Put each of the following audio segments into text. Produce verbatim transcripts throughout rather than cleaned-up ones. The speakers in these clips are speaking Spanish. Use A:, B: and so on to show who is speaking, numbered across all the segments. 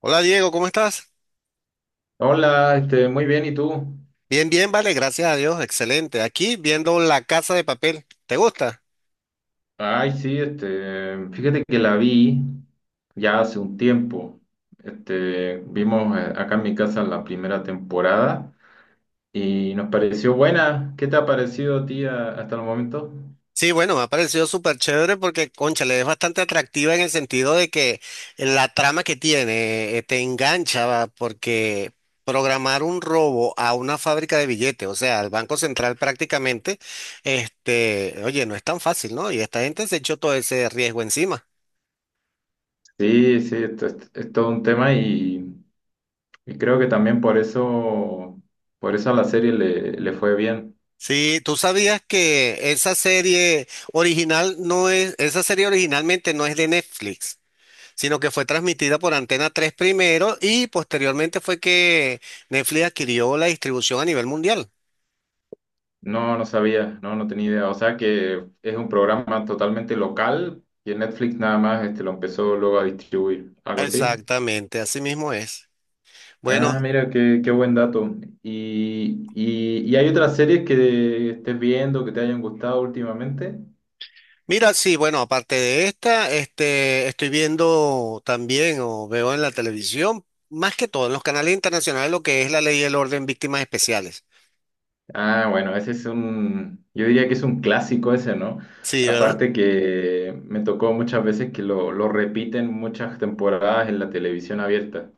A: Hola Diego, ¿cómo estás?
B: Hola, este, muy bien, ¿y tú?
A: Bien, bien, vale, gracias a Dios, excelente. Aquí viendo La Casa de Papel, ¿te gusta?
B: Ay, sí, este, fíjate que la vi ya hace un tiempo. Este, vimos eh, acá en mi casa la primera temporada y nos pareció buena. ¿Qué te ha parecido a ti a- hasta el momento?
A: Sí, bueno, me ha parecido súper chévere porque, cónchale, es bastante atractiva en el sentido de que la trama que tiene eh, te engancha, va, porque programar un robo a una fábrica de billetes, o sea, al Banco Central prácticamente, este, oye, no es tan fácil, ¿no? Y esta gente se echó todo ese riesgo encima.
B: Sí, sí, esto es, es todo un tema y, y creo que también por eso, por eso a la serie le, le fue bien.
A: Sí, tú sabías que esa serie original no es, esa serie originalmente no es de Netflix, sino que fue transmitida por Antena tres primero y posteriormente fue que Netflix adquirió la distribución a nivel mundial.
B: No, no sabía, no, no tenía idea. O sea que es un programa totalmente local y en Netflix nada más este, lo empezó luego a distribuir, algo así.
A: Exactamente, así mismo es. Bueno,
B: Ah, mira, qué, qué buen dato. ¿Y, y, y hay otras series que estés viendo que te hayan gustado últimamente?
A: mira, sí, bueno, aparte de esta, este, estoy viendo también o veo en la televisión, más que todo en los canales internacionales, lo que es la ley y el orden víctimas especiales.
B: Ah, bueno, ese es un, yo diría que es un clásico ese, ¿no?
A: Sí, ¿verdad?
B: Aparte que me tocó muchas veces que lo, lo repiten muchas temporadas en la televisión abierta.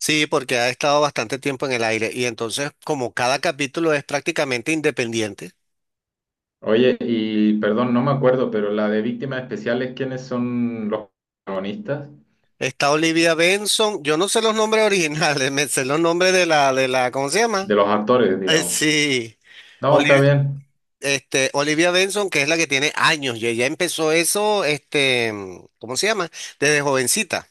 A: Sí, porque ha estado bastante tiempo en el aire y entonces, como cada capítulo es prácticamente independiente,
B: Oye, y perdón, no me acuerdo, pero la de víctimas especiales, ¿quiénes son los protagonistas?
A: está Olivia Benson. Yo no sé los nombres originales, me sé los nombres de la, de la, ¿cómo se llama?
B: De los actores,
A: Eh,
B: digamos.
A: sí,
B: No, está
A: Oli-
B: bien.
A: este, Olivia Benson, que es la que tiene años y ella empezó eso, este, ¿cómo se llama? Desde jovencita.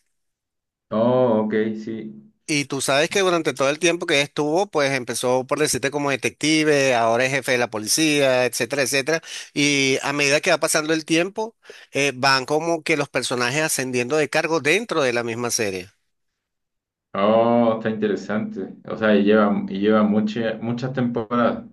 B: Oh, ok, sí.
A: Y tú sabes que durante todo el tiempo que estuvo, pues empezó por decirte como detective, ahora es jefe de la policía, etcétera, etcétera. Y a medida que va pasando el tiempo, eh, van como que los personajes ascendiendo de cargo dentro de la misma serie.
B: Oh, está interesante. O sea, y lleva, y lleva mucha- muchas temporadas.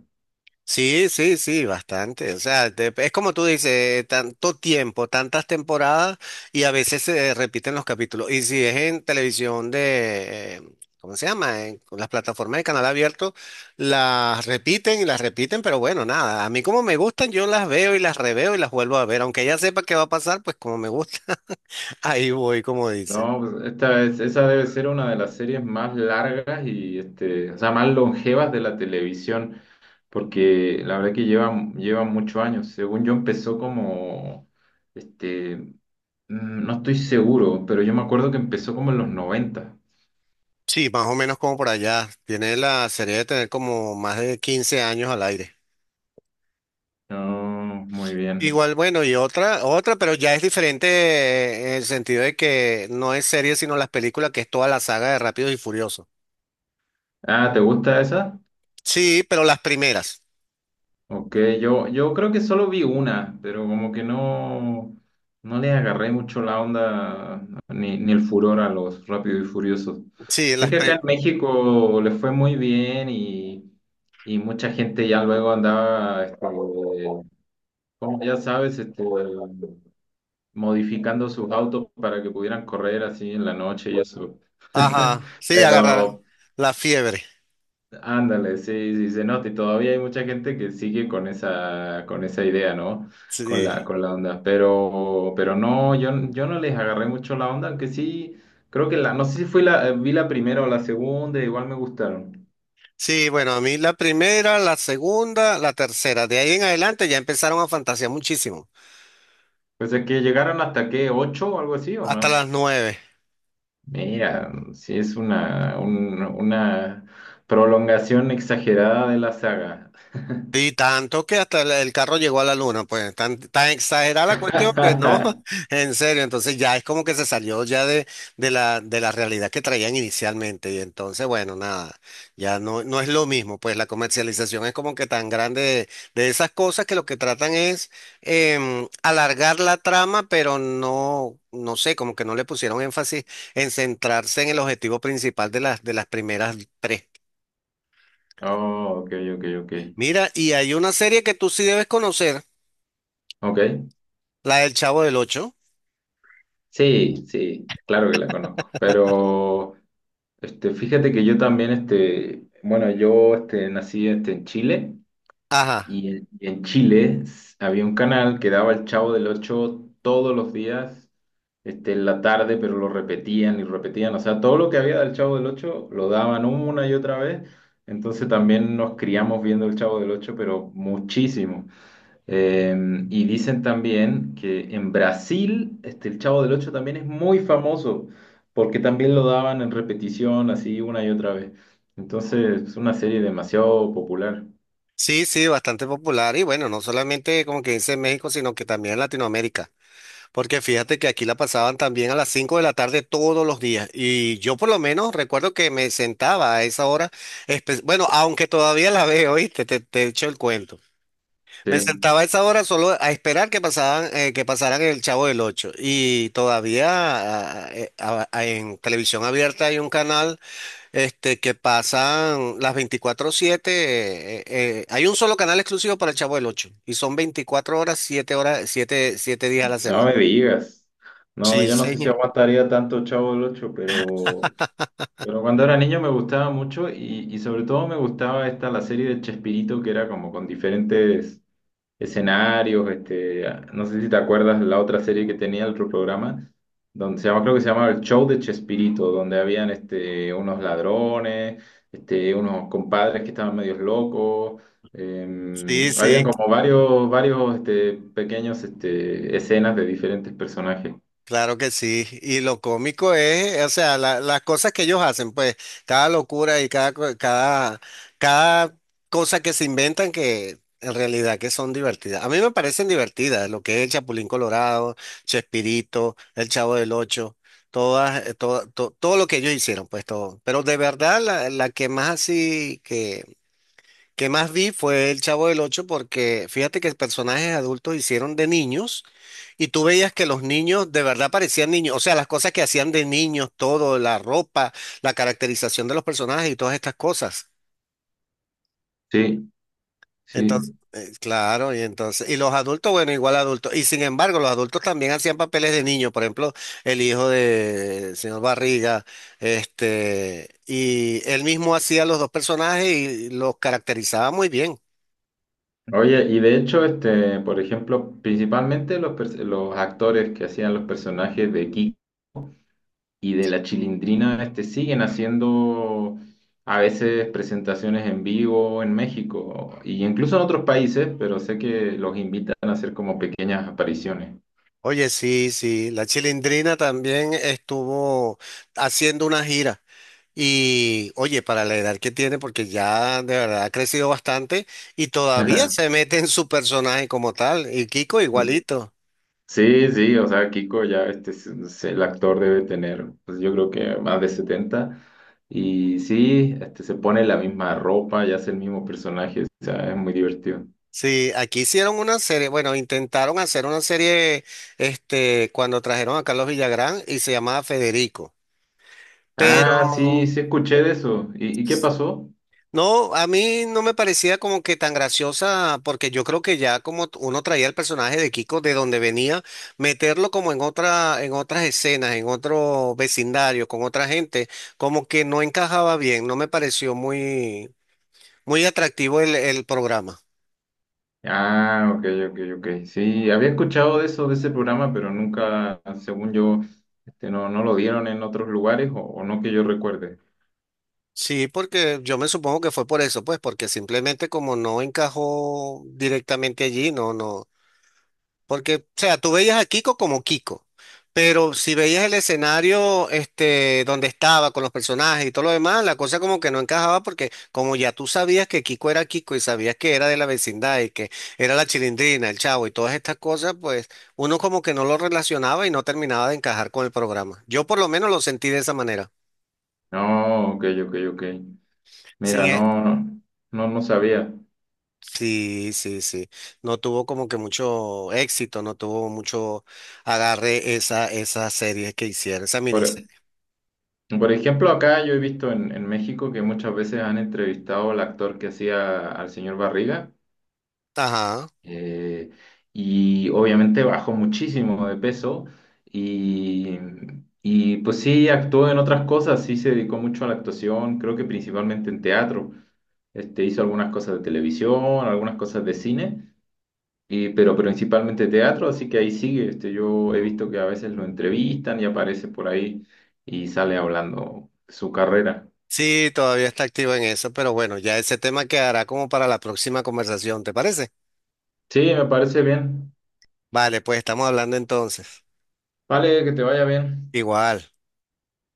A: Sí, sí, sí, bastante. O sea, te- es como tú dices, tanto tiempo, tantas temporadas y a veces se repiten los capítulos. Y si es en televisión de, eh, ¿cómo se llama? En las plataformas de canal abierto, las repiten y las repiten, pero bueno, nada. A mí, como me gustan, yo las veo y las reveo y las vuelvo a ver. Aunque ya sepa qué va a pasar, pues como me gusta, ahí voy, como dicen.
B: No, pues esta es, esa debe ser una de las series más largas y, este, o sea, más longevas de la televisión, porque la verdad que lleva, lleva muchos años. Según yo empezó como, este, Mm, no estoy seguro, pero yo me acuerdo que empezó como en los noventa.
A: Sí, más o menos como por allá. Tiene la serie de tener como más de quince años al aire.
B: Oh, muy bien.
A: Igual, bueno, y otra, otra, pero ya es diferente, eh, en el sentido de que no es serie, sino las películas, que es toda la saga de Rápidos y Furiosos.
B: Ah, ¿te gusta esa?
A: Sí, pero las primeras.
B: Ok, yo, yo creo que solo vi una, pero como que no, no le agarré mucho la onda ni, ni el furor a los Rápidos y Furiosos.
A: Sí.
B: Sé
A: las
B: que acá
A: pri-
B: en México le fue muy bien y, y mucha gente ya luego andaba, este, como ya sabes, este, modificando sus autos para que pudieran correr así en la noche y eso.
A: Ajá, sí, agarraron
B: Pero
A: la fiebre.
B: ándale, sí, sí se nota y todavía hay mucha gente que sigue con esa, con esa idea, ¿no? Con
A: Sí.
B: la, con la onda. Pero, pero no, yo, yo no les agarré mucho la onda, aunque sí, creo que la, no sé si fui la, eh, vi la primera o la segunda, igual me gustaron.
A: Sí, bueno, a mí la primera, la segunda, la tercera. De ahí en adelante ya empezaron a fantasear muchísimo.
B: Pues es que llegaron hasta que ocho o algo así o
A: Hasta
B: más.
A: las nueve.
B: Mira, sí es una, un- una prolongación exagerada de la saga.
A: Y tanto que hasta el el carro llegó a la luna, pues tan, tan exagerada la cuestión que no, en serio, entonces ya es como que se salió ya de, de la, de la realidad que traían inicialmente. Y entonces, bueno, nada, ya no, no es lo mismo, pues la comercialización es como que tan grande de, de esas cosas que lo que tratan es em, alargar la trama, pero no, no sé, como que no le pusieron énfasis en centrarse en el objetivo principal de las, de las primeras tres.
B: Oh, ok, ok, ok.
A: Mira, y hay una serie que tú sí debes conocer.
B: Ok,
A: La del Chavo del Ocho.
B: sí, sí, claro que la conozco. Pero este, fíjate que yo también, este, bueno, yo este, nací este, en Chile
A: Ajá.
B: y en, y en Chile s- había un canal que daba El Chavo del Ocho todos los días, este, en la tarde, pero lo repetían y repetían. O sea, todo lo que había del Chavo del Ocho lo daban una y otra vez. Entonces también nos criamos viendo El Chavo del Ocho, pero muchísimo. Eh, y dicen también que en Brasil, este, El Chavo del Ocho también es muy famoso, porque también lo daban en repetición, así una y otra vez. Entonces, es una serie demasiado popular.
A: Sí, sí, bastante popular. Y bueno, no solamente, como que dice, en México, sino que también en Latinoamérica. Porque fíjate que aquí la pasaban también a las cinco de la tarde todos los días. Y yo por lo menos recuerdo que me sentaba a esa hora. espe- Bueno, aunque todavía la veo, ¿oíste? Te, te, echo el cuento. Me
B: Sí,
A: sentaba a esa hora solo a esperar que pasaban, eh, que pasaran el Chavo del Ocho. Y todavía, ah, eh, ah, en televisión abierta, hay un canal. Este, que pasan las veinticuatro siete, eh, eh, hay un solo canal exclusivo para el Chavo del Ocho y son veinticuatro horas, siete horas, siete siete días a la
B: no
A: semana.
B: me digas. No,
A: Sí,
B: yo no sé si
A: señor.
B: aguantaría tanto Chavo del Ocho, pero, pero cuando era niño me gustaba mucho y, y sobre todo me gustaba esta, la serie de Chespirito, que era como con diferentes escenarios, este, no sé si te acuerdas la otra serie que tenía el otro programa, donde se llama, creo que se llamaba El Show de Chespirito, donde habían este, unos ladrones, este, unos compadres que estaban medios locos, eh,
A: Sí,
B: habían
A: sí,
B: como varios, varios este, pequeños, este, escenas de diferentes personajes.
A: claro que sí. Y lo cómico es, o sea, la- las cosas que ellos hacen, pues cada locura y cada, co- cada, cada cosa que se inventan, que en realidad que son divertidas. A mí me parecen divertidas, lo que es el Chapulín Colorado, Chespirito, el Chavo del Ocho, todas, eh, todo, to- todo lo que ellos hicieron, pues todo. Pero de verdad, la, la que más, así que que más vi, fue El Chavo del Ocho, porque fíjate que personajes adultos hicieron de niños y tú veías que los niños de verdad parecían niños, o sea, las cosas que hacían de niños, todo, la ropa, la caracterización de los personajes y todas estas cosas.
B: Sí,
A: Entonces,
B: sí.
A: eh, claro, y entonces, y los adultos, bueno, igual adultos, y sin embargo, los adultos también hacían papeles de niños. Por ejemplo, el hijo de señor Barriga, este, y él mismo hacía los dos personajes y los caracterizaba muy bien.
B: Oye, y de hecho, este, por ejemplo, principalmente los, pers- los actores que hacían los personajes de Kiko y de la Chilindrina, este, siguen haciendo a veces presentaciones en vivo en México y incluso en otros países, pero sé que los invitan a hacer como pequeñas apariciones.
A: Oye, sí, sí, la Chilindrina también estuvo haciendo una gira y, oye, para la edad que tiene, porque ya de verdad ha crecido bastante, y todavía se mete en su personaje como tal, y Kiko igualito.
B: Sí, sí, o sea, Kiko ya, este, es- es el actor, debe tener, pues yo creo que más de setenta. Y sí, este, se pone la misma ropa y hace el mismo personaje, o sea, es muy divertido.
A: Sí, aquí hicieron una serie, bueno, intentaron hacer una serie, este, cuando trajeron a Carlos Villagrán y se llamaba Federico, pero...
B: Ah, sí, sí escuché de eso. ¿Y, y qué pasó?
A: No, a mí no me parecía como que tan graciosa, porque yo creo que ya, como t- uno traía el personaje de Kiko de donde venía, meterlo como en otra, en otras escenas, en otro vecindario, con otra gente, como que no encajaba bien, no me pareció muy, muy atractivo el, el programa.
B: Ah, ok, ok, ok. Sí, había escuchado de eso, de ese programa, pero nunca, según yo, este, no, no lo dieron en otros lugares o, o no que yo recuerde.
A: Sí, porque yo me supongo que fue por eso, pues porque simplemente, como no encajó directamente allí, no, no. Porque, o sea, tú veías a Kiko como Kiko, pero si veías el escenario este, donde estaba con los personajes y todo lo demás, la cosa como que no encajaba, porque como ya tú sabías que Kiko era Kiko y sabías que era de la vecindad y que era la Chilindrina, el Chavo y todas estas cosas, pues uno como que no lo relacionaba y no terminaba de encajar con el programa. Yo por lo menos lo sentí de esa manera.
B: No, ok, ok, ok.
A: Sin
B: Mira,
A: e-
B: no, no, no, no sabía.
A: Sí, sí, sí. No tuvo como que mucho éxito, no tuvo mucho agarre esa, esa serie que hicieron, esa miniserie.
B: Por, por ejemplo, acá yo he visto en, en México que muchas veces han entrevistado al actor que hacía al señor Barriga.
A: Ajá.
B: Eh, y obviamente bajó muchísimo de peso y, y pues sí actuó en otras cosas, sí se dedicó mucho a la actuación, creo que principalmente en teatro. Este, hizo algunas cosas de televisión, algunas cosas de cine, y- pero principalmente teatro, así que ahí sigue. Este, yo he visto que a veces lo entrevistan y aparece por ahí y sale hablando su carrera.
A: Sí, todavía está activo en eso, pero bueno, ya ese tema quedará como para la próxima conversación, ¿te parece?
B: Sí, me parece bien.
A: Vale, pues estamos hablando entonces.
B: Vale, que te vaya bien.
A: Igual.